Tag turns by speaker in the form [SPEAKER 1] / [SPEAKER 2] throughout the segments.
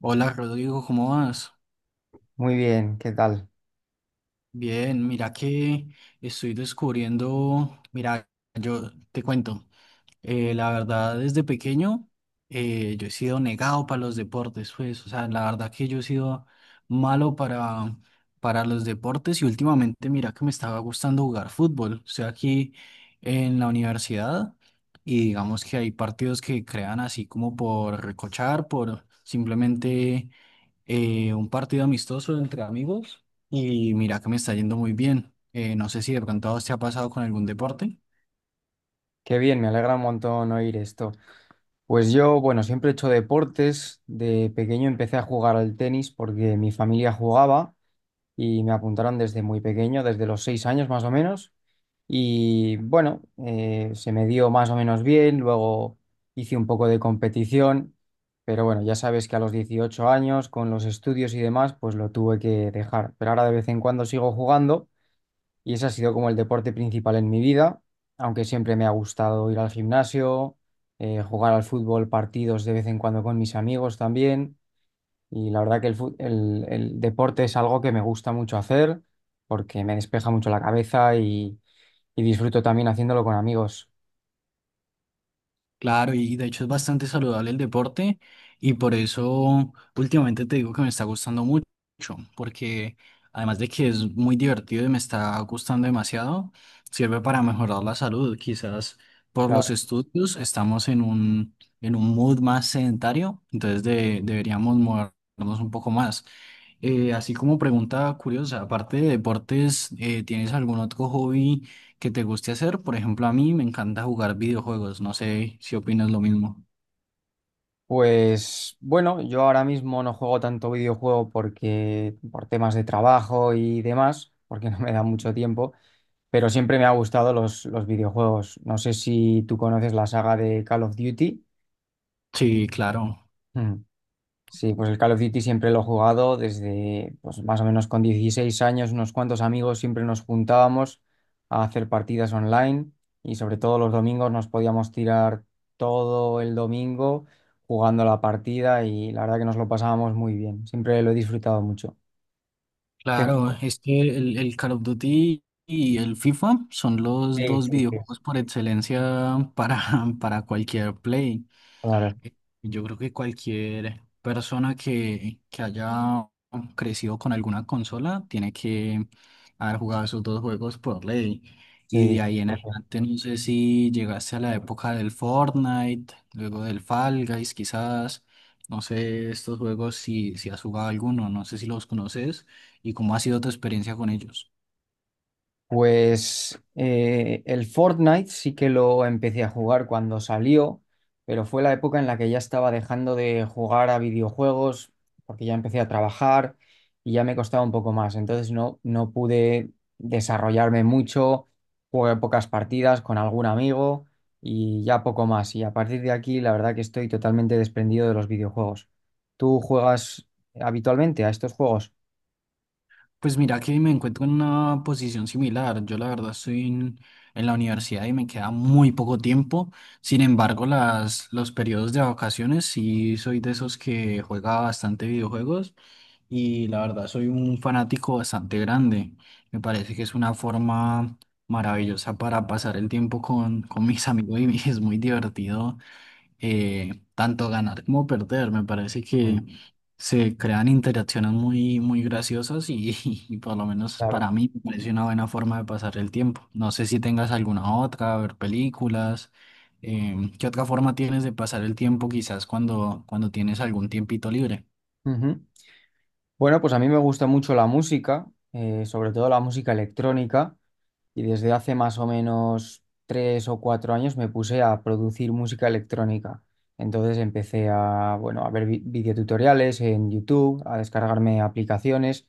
[SPEAKER 1] Hola Rodrigo, ¿cómo vas?
[SPEAKER 2] Muy bien, ¿qué tal?
[SPEAKER 1] Bien, mira que estoy descubriendo, mira, yo te cuento, la verdad desde pequeño, yo he sido negado para los deportes, pues, o sea, la verdad que yo he sido malo para los deportes y últimamente mira que me estaba gustando jugar fútbol, estoy aquí en la universidad y digamos que hay partidos que crean así como por recochar, por simplemente, un partido amistoso entre amigos y mira que me está yendo muy bien. No sé si de pronto a vos te ha pasado con algún deporte.
[SPEAKER 2] Qué bien, me alegra un montón oír esto. Pues yo, bueno, siempre he hecho deportes. De pequeño empecé a jugar al tenis porque mi familia jugaba y me apuntaron desde muy pequeño, desde los 6 años más o menos. Y bueno, se me dio más o menos bien. Luego hice un poco de competición, pero bueno, ya sabes que a los 18 años, con los estudios y demás, pues lo tuve que dejar. Pero ahora de vez en cuando sigo jugando. Y ese ha sido como el deporte principal en mi vida, aunque siempre me ha gustado ir al gimnasio, jugar al fútbol, partidos de vez en cuando con mis amigos también. Y la verdad que el deporte es algo que me gusta mucho hacer porque me despeja mucho la cabeza y disfruto también haciéndolo con amigos.
[SPEAKER 1] Claro, y de hecho es bastante saludable el deporte y por eso últimamente te digo que me está gustando mucho, porque además de que es muy divertido y me está gustando demasiado, sirve para mejorar la salud. Quizás por los
[SPEAKER 2] Claro.
[SPEAKER 1] estudios estamos en un mood más sedentario, entonces deberíamos movernos un poco más. Así como pregunta curiosa, aparte de deportes, ¿tienes algún otro hobby que te guste hacer? Por ejemplo, a mí me encanta jugar videojuegos, no sé si opinas lo mismo.
[SPEAKER 2] Pues bueno, yo ahora mismo no juego tanto videojuego porque por temas de trabajo y demás, porque no me da mucho tiempo. Pero siempre me ha gustado los videojuegos. No sé si tú conoces la saga de Call of Duty.
[SPEAKER 1] Sí, claro,
[SPEAKER 2] Mm. Sí, pues el Call of Duty siempre lo he jugado desde pues, más o menos con 16 años, unos cuantos amigos siempre nos juntábamos a hacer partidas online y sobre todo los domingos nos podíamos tirar todo el domingo jugando la partida y la verdad que nos lo pasábamos muy bien. Siempre lo he disfrutado mucho. Qué-
[SPEAKER 1] claro,
[SPEAKER 2] ju-
[SPEAKER 1] es que el Call of Duty y el FIFA son los
[SPEAKER 2] Sí,
[SPEAKER 1] dos
[SPEAKER 2] sí, sí.
[SPEAKER 1] videojuegos por excelencia para cualquier play.
[SPEAKER 2] Claro,
[SPEAKER 1] Yo creo que cualquier persona que haya crecido con alguna consola tiene que haber jugado esos dos juegos por ley. Y
[SPEAKER 2] sí.
[SPEAKER 1] de ahí en adelante, no sé si llegaste a la época del Fortnite, luego del Fall Guys, quizás. No sé estos juegos si has jugado alguno, no sé si los conoces y cómo ha sido tu experiencia con ellos.
[SPEAKER 2] Pues el Fortnite sí que lo empecé a jugar cuando salió, pero fue la época en la que ya estaba dejando de jugar a videojuegos porque ya empecé a trabajar y ya me costaba un poco más. Entonces no pude desarrollarme mucho, jugué pocas partidas con algún amigo y ya poco más. Y a partir de aquí, la verdad que estoy totalmente desprendido de los videojuegos. ¿Tú juegas habitualmente a estos juegos?
[SPEAKER 1] Pues mira que me encuentro en una posición similar. Yo la verdad en la universidad y me queda muy poco tiempo. Sin embargo, los periodos de vacaciones sí soy de esos que juega bastante videojuegos y la verdad soy un fanático bastante grande. Me parece que es una forma maravillosa para pasar el tiempo con mis amigos y es muy divertido, tanto ganar como perder. Me parece que
[SPEAKER 2] Bueno,
[SPEAKER 1] se crean interacciones muy, muy graciosas y, y por lo menos
[SPEAKER 2] claro.
[SPEAKER 1] para mí me parece una buena forma de pasar el tiempo. No sé si tengas alguna otra, ver películas. ¿Qué otra forma tienes de pasar el tiempo quizás cuando tienes algún tiempito libre?
[SPEAKER 2] Ujú. Bueno, pues a mí me gusta mucho la música, sobre todo la música electrónica, y desde hace más o menos 3 o 4 años me puse a producir música electrónica. Entonces empecé a, bueno, a ver videotutoriales en YouTube, a descargarme aplicaciones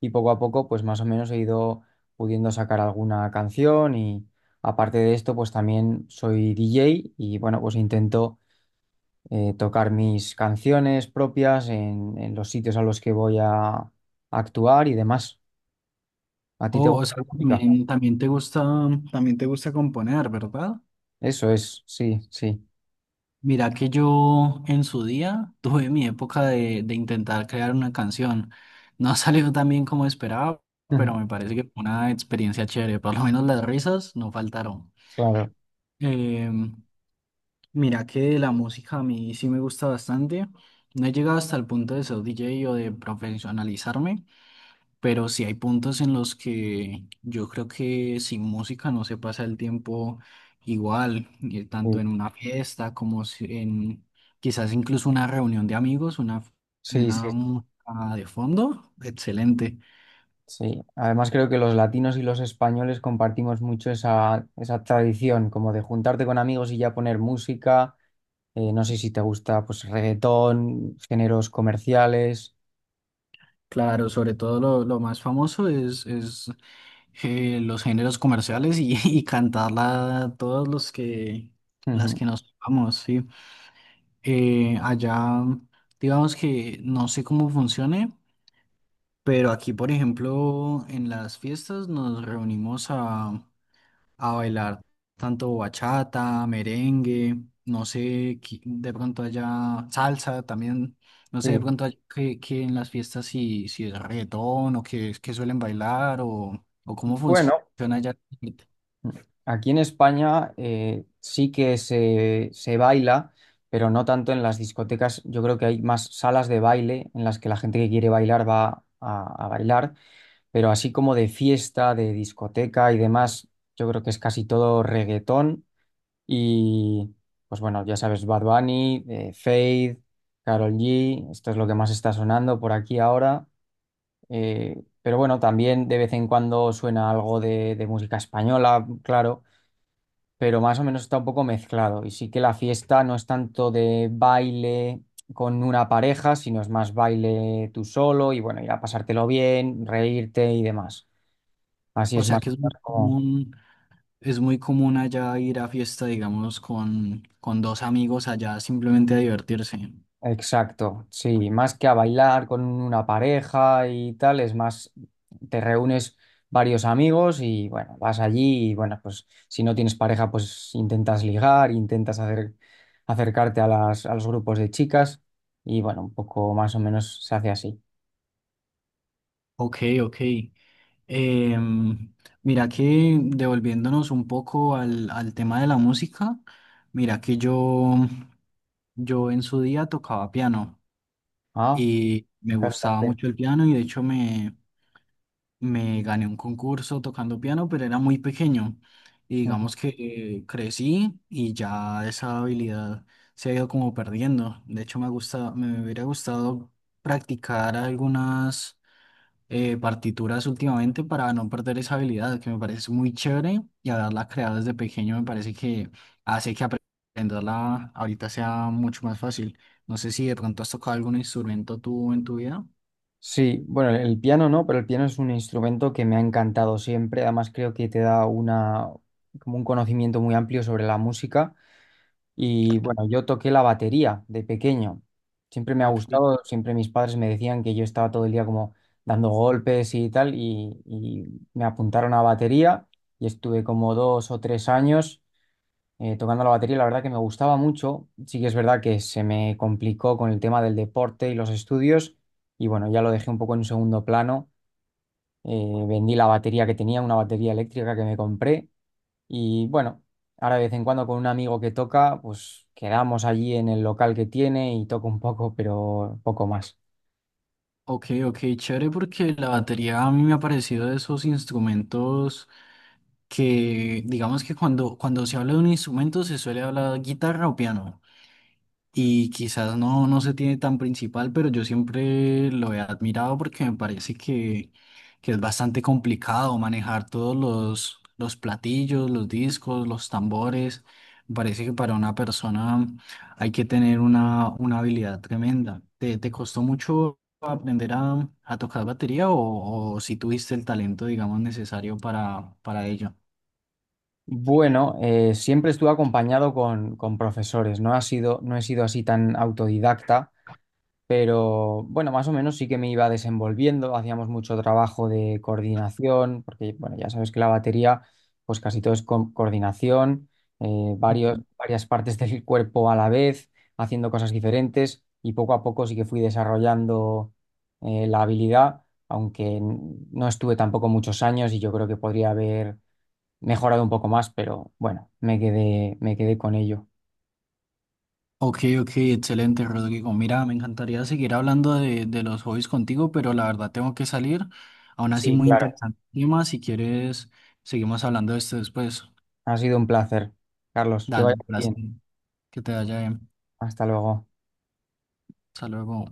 [SPEAKER 2] y poco a poco, pues más o menos he ido pudiendo sacar alguna canción y aparte de esto, pues también soy DJ y bueno, pues intento tocar mis canciones propias en los sitios a los que voy a actuar y demás. ¿A ti te
[SPEAKER 1] O
[SPEAKER 2] gusta la
[SPEAKER 1] sea,
[SPEAKER 2] música?
[SPEAKER 1] también, también te gusta componer, ¿verdad?
[SPEAKER 2] Eso es, sí, sí.
[SPEAKER 1] Mira que yo en su día tuve mi época de intentar crear una canción. No ha salido tan bien como esperaba, pero me parece que fue una experiencia chévere. Por lo menos las risas no faltaron.
[SPEAKER 2] Claro.
[SPEAKER 1] Em, Mira que de la música a mí sí me gusta bastante. No he llegado hasta el punto de ser DJ o de profesionalizarme, pero sí hay puntos en los que yo creo que sin música no se pasa el tiempo igual, y
[SPEAKER 2] Sí,
[SPEAKER 1] tanto en una fiesta como en quizás incluso una reunión de amigos,
[SPEAKER 2] sí, sí.
[SPEAKER 1] una música de fondo, excelente.
[SPEAKER 2] Sí. Además creo que los latinos y los españoles compartimos mucho esa tradición, como de juntarte con amigos y ya poner música. No sé si te gusta pues reggaetón, géneros comerciales.
[SPEAKER 1] Claro, sobre todo lo más famoso es, los géneros comerciales y, y cantarla todos los que las
[SPEAKER 2] Ujú.
[SPEAKER 1] que nos vamos, sí. Allá, digamos que no sé cómo funcione. Pero aquí, por ejemplo, en las fiestas nos reunimos a bailar tanto bachata, merengue, no sé, de pronto allá salsa también, no sé, de
[SPEAKER 2] Sí.
[SPEAKER 1] pronto allá que en las fiestas si es reggaetón o que suelen bailar o cómo
[SPEAKER 2] Bueno,
[SPEAKER 1] funciona allá.
[SPEAKER 2] aquí en España sí que se baila, pero no tanto en las discotecas. Yo creo que hay más salas de baile en las que la gente que quiere bailar va a bailar, pero así como de fiesta, de discoteca y demás, yo creo que es casi todo reggaetón. Y pues bueno, ya sabes, Bad Bunny, Feid, Karol G, esto es lo que más está sonando por aquí ahora. Pero bueno, también de vez en cuando suena algo de música española, claro, pero más o menos está un poco mezclado. Y sí que la fiesta no es tanto de baile con una pareja, sino es más baile tú solo y bueno, ir a pasártelo bien, reírte y demás. Así
[SPEAKER 1] O
[SPEAKER 2] es
[SPEAKER 1] sea
[SPEAKER 2] más
[SPEAKER 1] que
[SPEAKER 2] o menos.
[SPEAKER 1] es muy común allá ir a fiesta, digamos, con dos amigos allá simplemente a divertirse.
[SPEAKER 2] Exacto, sí, más que a bailar con una pareja y tal, es más, te reúnes varios amigos y bueno, vas allí y bueno, pues si no tienes pareja, pues intentas ligar, intentas hacer, acercarte a los grupos de chicas y bueno, un poco más o menos se hace así.
[SPEAKER 1] Ok, ok. Em, Mira que devolviéndonos un poco al tema de la música, mira que yo, yo en su día tocaba piano
[SPEAKER 2] Ah,
[SPEAKER 1] y
[SPEAKER 2] me
[SPEAKER 1] me
[SPEAKER 2] encanta.
[SPEAKER 1] gustaba mucho el piano y de hecho me gané un concurso tocando piano, pero era muy pequeño. Y
[SPEAKER 2] Ujú.
[SPEAKER 1] digamos que, crecí y ya esa habilidad se ha ido como perdiendo. De hecho me gusta, me hubiera gustado practicar algunas, partituras últimamente para no perder esa habilidad que me parece muy chévere y haberla creado desde pequeño me parece que hace que aprenderla ahorita sea mucho más fácil. No sé si de pronto has tocado algún instrumento tú en tu vida.
[SPEAKER 2] Sí, bueno, el piano no, pero el piano es un instrumento que me ha encantado siempre, además creo que te da una, como un conocimiento muy amplio sobre la música. Y bueno, yo toqué la batería de pequeño. Siempre me ha
[SPEAKER 1] Ok,
[SPEAKER 2] gustado, siempre mis padres me decían que yo estaba todo el día como dando golpes y tal, y me apuntaron a batería y estuve como 2 o 3 años tocando la batería. La verdad que me gustaba mucho. Sí que es verdad que se me complicó con el tema del deporte y los estudios, y bueno, ya lo dejé un poco en segundo plano. Vendí la batería que tenía, una batería eléctrica que me compré y bueno, ahora de vez en cuando con un amigo que toca, pues quedamos allí en el local que tiene y toco un poco, pero poco más.
[SPEAKER 1] ok, ok, chévere porque la batería a mí me ha parecido de esos instrumentos que digamos que cuando se habla de un instrumento se suele hablar guitarra o piano. Y quizás no, no se tiene tan principal, pero yo siempre lo he admirado porque me parece que es bastante complicado manejar todos los platillos, los discos, los tambores. Me parece que para una persona hay que tener una habilidad tremenda. ¿Te, te costó mucho aprender a tocar batería o si tuviste el talento, digamos, necesario para ello?
[SPEAKER 2] Bueno, siempre estuve acompañado con, profesores, no he sido así tan autodidacta. Pero bueno, más o menos sí que me iba desenvolviendo, hacíamos mucho trabajo de coordinación, porque bueno, ya sabes que la batería, pues casi todo es coordinación, varias partes del cuerpo a la vez, haciendo cosas diferentes, y poco a poco sí que fui desarrollando la habilidad, aunque no estuve tampoco muchos años y yo creo que podría haber mejorado un poco más, pero bueno, me quedé con ello.
[SPEAKER 1] Ok, ok, excelente, Rodrigo. Mira, me encantaría seguir hablando de los hobbies contigo, pero la verdad tengo que salir. Aún así,
[SPEAKER 2] Sí,
[SPEAKER 1] muy
[SPEAKER 2] claro.
[SPEAKER 1] interesante el tema. Si quieres, seguimos hablando de esto después.
[SPEAKER 2] Ha sido un placer, Carlos, que vaya
[SPEAKER 1] Dale,
[SPEAKER 2] muy
[SPEAKER 1] gracias.
[SPEAKER 2] bien.
[SPEAKER 1] Que te vaya bien.
[SPEAKER 2] Hasta luego.
[SPEAKER 1] Hasta luego.